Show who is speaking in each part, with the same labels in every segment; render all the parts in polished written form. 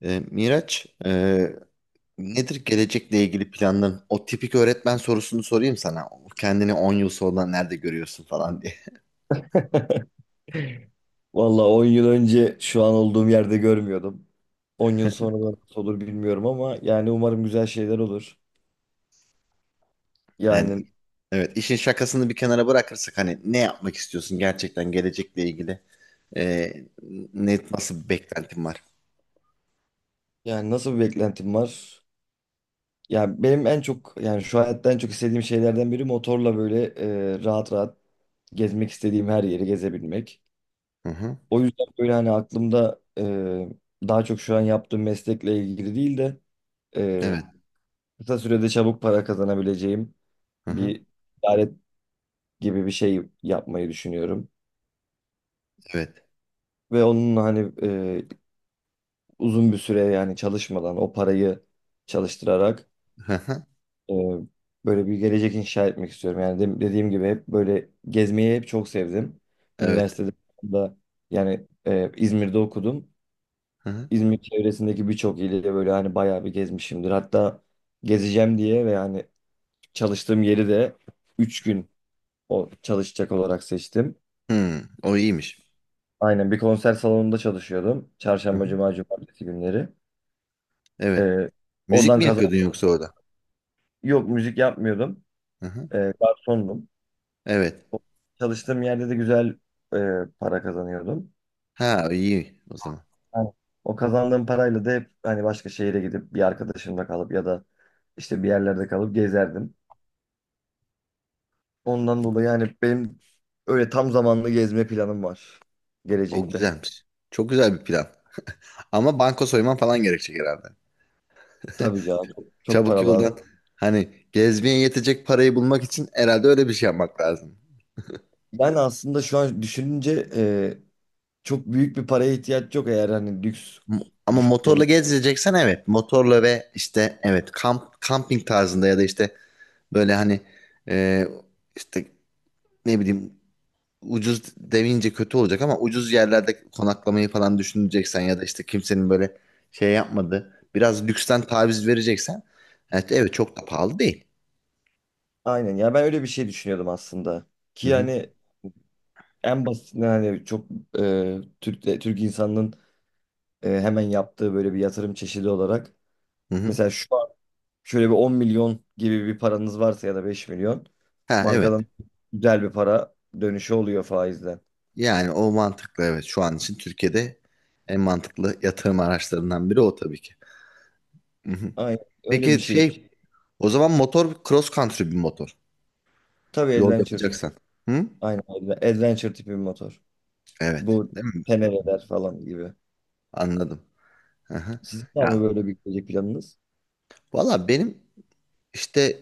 Speaker 1: Miraç, nedir gelecekle ilgili planların? O tipik öğretmen sorusunu sorayım sana. Kendini 10 yıl sonra nerede görüyorsun falan diye.
Speaker 2: Valla 10 yıl önce şu an olduğum yerde görmüyordum. 10 yıl sonra da nasıl olur bilmiyorum ama yani umarım güzel şeyler olur.
Speaker 1: Yani
Speaker 2: Yani
Speaker 1: evet, işin şakasını bir kenara bırakırsak hani ne yapmak istiyorsun gerçekten gelecekle ilgili? Ee, Nasıl bir beklentin var?
Speaker 2: yani nasıl bir beklentim var? Yani benim en çok yani şu hayatta en çok istediğim şeylerden biri motorla böyle rahat rahat gezmek istediğim her yeri gezebilmek.
Speaker 1: Hı hı.
Speaker 2: O yüzden böyle hani aklımda daha çok şu an yaptığım meslekle ilgili değil de e,
Speaker 1: Evet.
Speaker 2: kısa sürede çabuk para kazanabileceğim
Speaker 1: Hı hı.
Speaker 2: bir ticaret gibi bir şey yapmayı düşünüyorum.
Speaker 1: Evet.
Speaker 2: Ve onun hani uzun bir süre yani çalışmadan o parayı çalıştırarak
Speaker 1: Hı hı.
Speaker 2: e, böyle bir gelecek inşa etmek istiyorum. Yani dediğim gibi hep böyle gezmeyi hep çok sevdim.
Speaker 1: Evet.
Speaker 2: Üniversitede de yani İzmir'de okudum.
Speaker 1: Hı hı.
Speaker 2: İzmir çevresindeki birçok ili de böyle hani bayağı bir gezmişimdir. Hatta gezeceğim diye ve yani çalıştığım yeri de 3 gün o çalışacak olarak seçtim.
Speaker 1: O iyiymiş.
Speaker 2: Aynen, bir konser salonunda çalışıyordum.
Speaker 1: Hı
Speaker 2: Çarşamba,
Speaker 1: hı.
Speaker 2: cuma, cumartesi günleri.
Speaker 1: Evet.
Speaker 2: Ee,
Speaker 1: Müzik
Speaker 2: oradan
Speaker 1: mi
Speaker 2: kazan.
Speaker 1: yapıyordun yoksa orada?
Speaker 2: Yok, müzik yapmıyordum.
Speaker 1: Hı hı.
Speaker 2: Garsondum.
Speaker 1: Evet.
Speaker 2: O- Çalıştığım yerde de güzel para kazanıyordum.
Speaker 1: Ha, iyi o zaman.
Speaker 2: Aynen. O kazandığım parayla da hep hani başka şehire gidip bir arkadaşımla kalıp ya da işte bir yerlerde kalıp gezerdim. Ondan dolayı yani benim öyle tam zamanlı gezme planım var
Speaker 1: O
Speaker 2: gelecekte.
Speaker 1: güzelmiş. Çok güzel bir plan. Ama banka soyman falan gerekecek herhalde.
Speaker 2: Tabii canım, çok, çok
Speaker 1: Çabuk
Speaker 2: para lazım.
Speaker 1: yoldan hani gezmeye yetecek parayı bulmak için herhalde öyle bir şey yapmak lazım.
Speaker 2: Ben aslında şu an düşününce çok büyük bir paraya ihtiyaç yok eğer hani lüks
Speaker 1: M- Ama motorla
Speaker 2: düşünceniz.
Speaker 1: gezeceksen, evet. Motorla ve işte evet, kamping tarzında ya da işte böyle hani e, işte ne bileyim, ucuz demeyince kötü olacak ama ucuz yerlerde konaklamayı falan düşüneceksen ya da işte kimsenin böyle şey yapmadığı biraz lüksten taviz vereceksen, evet, evet çok da pahalı değil.
Speaker 2: Aynen ya, ben öyle bir şey düşünüyordum aslında.
Speaker 1: Hı
Speaker 2: Ki
Speaker 1: hı,
Speaker 2: hani en basitinden hani çok Türk Türk insanının hemen yaptığı böyle bir yatırım çeşidi olarak
Speaker 1: hı hı.
Speaker 2: mesela şu an şöyle bir 10 milyon gibi bir paranız varsa ya da 5 milyon
Speaker 1: Ha
Speaker 2: bankadan
Speaker 1: evet.
Speaker 2: güzel bir para dönüşü oluyor faizden.
Speaker 1: Yani o mantıklı, evet. Şu an için Türkiye'de en mantıklı yatırım araçlarından biri o tabii ki. Hı hı.
Speaker 2: Aynen öyle bir
Speaker 1: Peki
Speaker 2: şey.
Speaker 1: şey, o zaman motor cross country bir motor.
Speaker 2: Tabii,
Speaker 1: Yol
Speaker 2: adventure.
Speaker 1: yapacaksan. Hı?
Speaker 2: Aynen, adventure tipi bir motor.
Speaker 1: Evet.
Speaker 2: Bu
Speaker 1: Değil mi?
Speaker 2: tenereler falan gibi.
Speaker 1: Anladım. Hı.
Speaker 2: Sizin var mı
Speaker 1: Ya
Speaker 2: böyle bir gelecek planınız?
Speaker 1: valla benim işte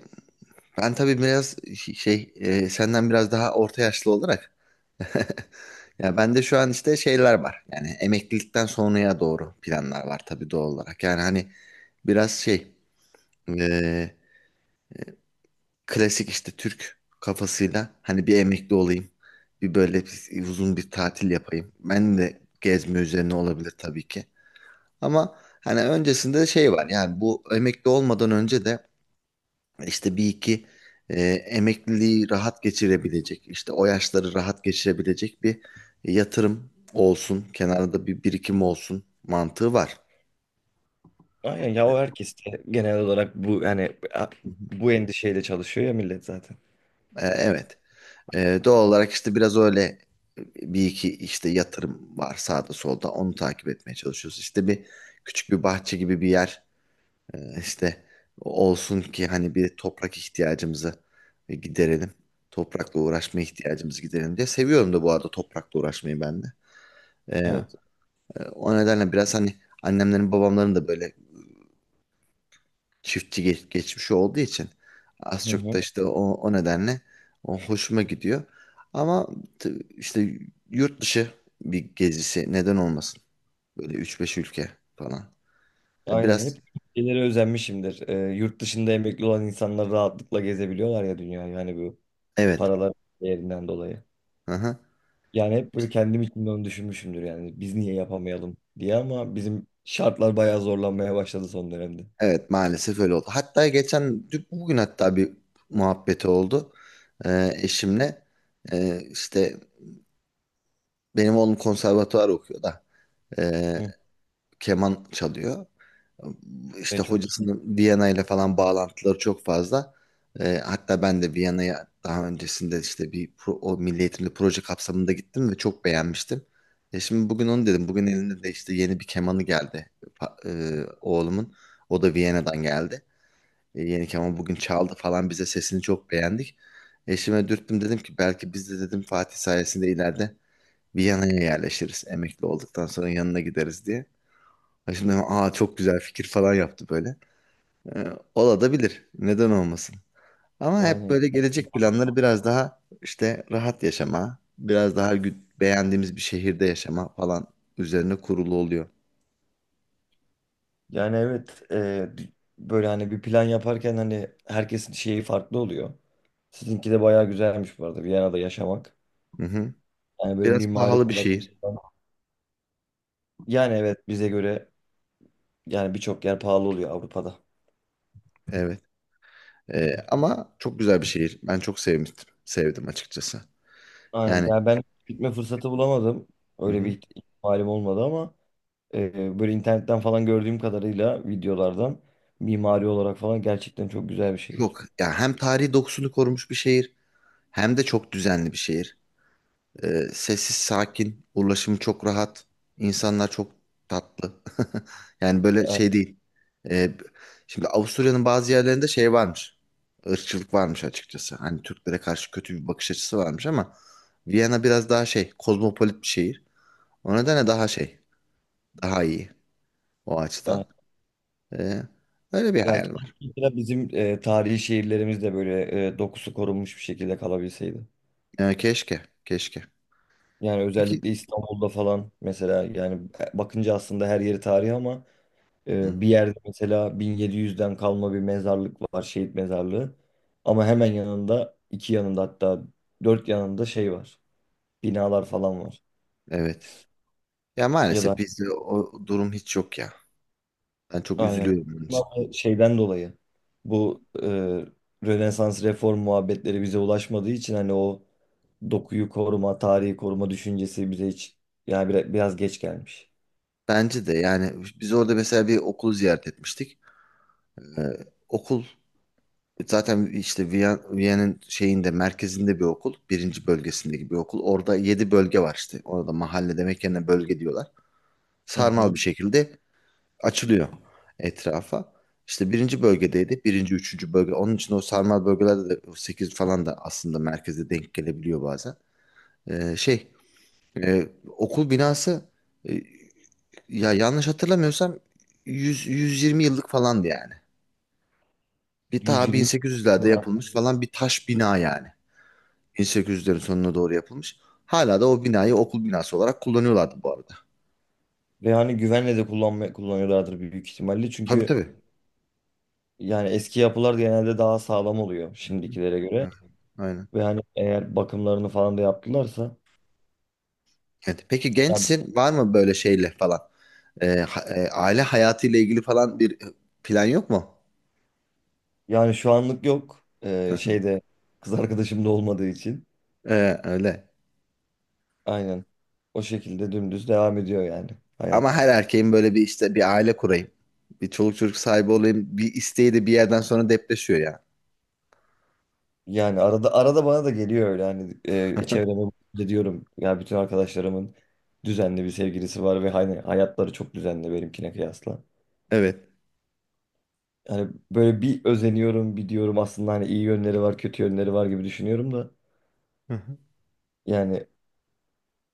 Speaker 1: ben tabii biraz şey, senden biraz daha orta yaşlı olarak ya bende şu an işte şeyler var. Yani emeklilikten sonraya doğru planlar var tabii doğal olarak. Yani hani biraz şey, e, klasik işte Türk kafasıyla hani bir emekli olayım. Bir böyle uzun bir tatil yapayım. Ben de gezme üzerine olabilir tabii ki. Ama hani öncesinde şey var yani bu emekli olmadan önce de işte bir iki emekliliği rahat geçirebilecek işte o yaşları rahat geçirebilecek bir yatırım olsun. Kenarda bir birikim olsun mantığı var.
Speaker 2: Aynen ya, o
Speaker 1: E,
Speaker 2: herkes de genel olarak bu yani
Speaker 1: Hı hı.
Speaker 2: bu endişeyle çalışıyor ya millet zaten.
Speaker 1: Evet. Doğal olarak işte biraz öyle bir iki işte yatırım var sağda solda, onu takip etmeye çalışıyoruz. İşte bir küçük bir bahçe gibi bir yer işte olsun ki hani bir toprak ihtiyacımızı giderelim. Toprakla uğraşma ihtiyacımızı giderelim diye. Seviyorum da bu arada toprakla uğraşmayı ben de. Ee,
Speaker 2: Evet.
Speaker 1: o nedenle biraz hani annemlerin babamların da böyle çiftçi geçmişi olduğu için az
Speaker 2: Hı
Speaker 1: çok da
Speaker 2: hı.
Speaker 1: işte o nedenle o hoşuma gidiyor. Ama işte yurt dışı bir gezisi neden olmasın? Böyle üç beş ülke falan. Ya
Speaker 2: Aynen,
Speaker 1: biraz,
Speaker 2: hep ülkelere özenmişimdir. Yurt dışında emekli olan insanlar rahatlıkla gezebiliyorlar ya dünya, yani bu
Speaker 1: evet.
Speaker 2: paralar değerinden dolayı.
Speaker 1: Hı-hı.
Speaker 2: Yani hep böyle kendim için de onu düşünmüşümdür, yani biz niye yapamayalım diye, ama bizim şartlar bayağı zorlanmaya başladı son dönemde.
Speaker 1: Evet, maalesef öyle oldu. Hatta geçen bugün hatta bir muhabbeti oldu, eşimle. İşte benim oğlum konservatuvar okuyor da, ee,
Speaker 2: Hı.
Speaker 1: keman çalıyor. İşte
Speaker 2: E, çok güzel.
Speaker 1: hocasının Viyana ile falan bağlantıları çok fazla. Hatta ben de Viyana'ya daha öncesinde işte bir o milli eğitimli proje kapsamında gittim ve çok beğenmiştim. Şimdi bugün onu dedim. Bugün elinde de işte yeni bir kemanı geldi, pa- oğlumun. O da Viyana'dan geldi. Yeni keman bugün çaldı falan bize, sesini çok beğendik. Eşime dürttüm, dedim ki belki biz de dedim Fatih sayesinde ileride Viyana'ya yerleşiriz. Emekli olduktan sonra yanına gideriz diye. Şimdi aa çok güzel fikir falan yaptı böyle. Ola Neden olmasın? Ama hep
Speaker 2: Aynen.
Speaker 1: böyle gelecek planları biraz daha işte rahat yaşama, biraz daha beğendiğimiz bir şehirde yaşama falan üzerine kurulu oluyor.
Speaker 2: Yani evet, böyle hani bir plan yaparken hani herkesin şeyi farklı oluyor. Sizinki de bayağı güzelmiş bu arada, Viyana'da yaşamak.
Speaker 1: Hı hı.
Speaker 2: Yani böyle
Speaker 1: Biraz
Speaker 2: mimari
Speaker 1: pahalı bir
Speaker 2: olarak.
Speaker 1: şehir.
Speaker 2: Yani evet, bize göre yani birçok yer pahalı oluyor Avrupa'da.
Speaker 1: Evet. Ama çok güzel bir şehir. Ben çok sevmiştim. Sevdim açıkçası.
Speaker 2: Aynen,
Speaker 1: Yani,
Speaker 2: ben gitme fırsatı bulamadım.
Speaker 1: hı
Speaker 2: Öyle
Speaker 1: hı.
Speaker 2: bir ihtimalim olmadı ama böyle internetten falan gördüğüm kadarıyla videolardan mimari olarak falan gerçekten çok güzel bir şehir.
Speaker 1: Çok. Ya hem tarihi dokusunu korumuş bir şehir hem de çok düzenli bir şehir. Sessiz, sakin, ulaşımı çok rahat, insanlar çok tatlı. Yani böyle şey değil. Ee, şimdi Avusturya'nın bazı yerlerinde şey varmış. Irkçılık varmış açıkçası. Hani Türklere karşı kötü bir bakış açısı varmış ama Viyana biraz daha şey, kozmopolit bir şehir. O nedenle daha şey, daha iyi o
Speaker 2: Aynen.
Speaker 1: açıdan. Ee, öyle bir
Speaker 2: Ya
Speaker 1: hayal var.
Speaker 2: keşke bizim tarihi şehirlerimiz de böyle dokusu korunmuş bir şekilde kalabilseydi.
Speaker 1: Keşke, keşke.
Speaker 2: Yani
Speaker 1: Peki.
Speaker 2: özellikle İstanbul'da falan mesela, yani bakınca aslında her yeri tarihi ama
Speaker 1: Hı hı.
Speaker 2: bir yerde mesela 1700'den kalma bir mezarlık var, şehit mezarlığı. Ama hemen yanında, iki yanında, hatta dört yanında şey var. Binalar falan var.
Speaker 1: Evet. Ya
Speaker 2: Ya
Speaker 1: maalesef
Speaker 2: da.
Speaker 1: bizde o durum hiç yok ya. Ben çok
Speaker 2: Aynen.
Speaker 1: üzülüyorum bunun için.
Speaker 2: Ama şeyden dolayı bu Rönesans reform muhabbetleri bize ulaşmadığı için hani o dokuyu koruma, tarihi koruma düşüncesi bize hiç yani biraz, biraz geç gelmiş.
Speaker 1: Bence de yani biz orada mesela bir okul ziyaret etmiştik. Ee, okul zaten işte Viyana'nın şeyinde, merkezinde bir okul. Birinci bölgesindeki bir okul. Orada yedi bölge var işte. Orada mahalle demek yerine bölge diyorlar.
Speaker 2: Hı
Speaker 1: Sarmal
Speaker 2: hı.
Speaker 1: bir şekilde açılıyor etrafa. İşte birinci bölgedeydi. Birinci, üçüncü bölge. Onun için o sarmal bölgelerde de o sekiz falan da aslında merkeze denk gelebiliyor bazen. Şey, e, okul binası, e, ya yanlış hatırlamıyorsam 100, 120 yıllık falandı yani. Ta
Speaker 2: 120.
Speaker 1: 1800'lerde yapılmış falan bir taş bina yani. 1800'lerin sonuna doğru yapılmış. Hala da o binayı okul binası olarak kullanıyorlardı bu arada.
Speaker 2: Ve hani güvenle de kullanıyorlardır büyük ihtimalle.
Speaker 1: Tabii
Speaker 2: Çünkü
Speaker 1: tabii.
Speaker 2: yani eski yapılar genelde daha sağlam oluyor şimdikilere göre.
Speaker 1: Evet, aynen.
Speaker 2: Ve hani eğer bakımlarını falan da yaptılarsa
Speaker 1: Evet. Peki
Speaker 2: yani,
Speaker 1: gençsin, var mı böyle şeyle falan? Aile hayatıyla ilgili falan bir plan yok mu?
Speaker 2: yani şu anlık yok.
Speaker 1: Hı hı.
Speaker 2: Şeyde kız arkadaşım da olmadığı için.
Speaker 1: Öyle.
Speaker 2: Aynen. O şekilde dümdüz devam ediyor yani
Speaker 1: Ama
Speaker 2: hayat.
Speaker 1: her erkeğin böyle bir işte bir aile kurayım. Bir çoluk çocuk sahibi olayım. Bir isteği de bir yerden sonra depreşiyor ya.
Speaker 2: Yani arada arada bana da geliyor öyle hani çevreme bakınca diyorum ya bütün arkadaşlarımın düzenli bir sevgilisi var ve hani hayatları çok düzenli benimkine kıyasla.
Speaker 1: Evet.
Speaker 2: Yani böyle bir özeniyorum, bir diyorum, aslında hani iyi yönleri var, kötü yönleri var gibi düşünüyorum da
Speaker 1: Hı hı.
Speaker 2: yani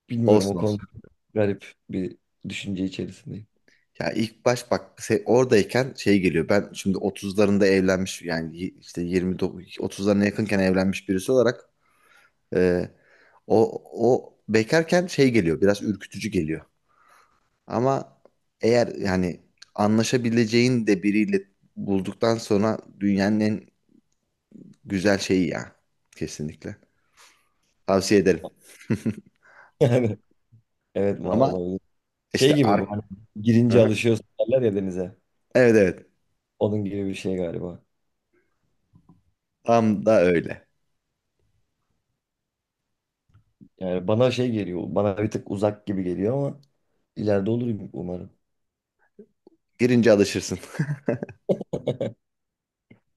Speaker 2: bilmiyorum,
Speaker 1: Olsun
Speaker 2: o konuda
Speaker 1: olsun.
Speaker 2: garip bir düşünce içerisindeyim.
Speaker 1: Ya ilk baş bak oradayken şey geliyor. Ben şimdi otuzlarında evlenmiş yani işte 29 30'larına yakınken evlenmiş birisi olarak e, o bekarken şey geliyor. Biraz ürkütücü geliyor. Ama eğer yani anlaşabileceğin de biriyle bulduktan sonra dünyanın en güzel şeyi ya. Kesinlikle. Tavsiye ederim.
Speaker 2: Yani evet, ma
Speaker 1: Ama
Speaker 2: olabilir. Şey
Speaker 1: işte,
Speaker 2: gibi bu hani,
Speaker 1: Hı
Speaker 2: girince
Speaker 1: hı.
Speaker 2: alışıyorsun derler ya denize.
Speaker 1: Evet evet.
Speaker 2: Onun gibi bir şey galiba.
Speaker 1: Tam da öyle.
Speaker 2: Yani bana şey geliyor, bana bir tık uzak gibi geliyor ama ileride olur umarım.
Speaker 1: Girince alışırsın.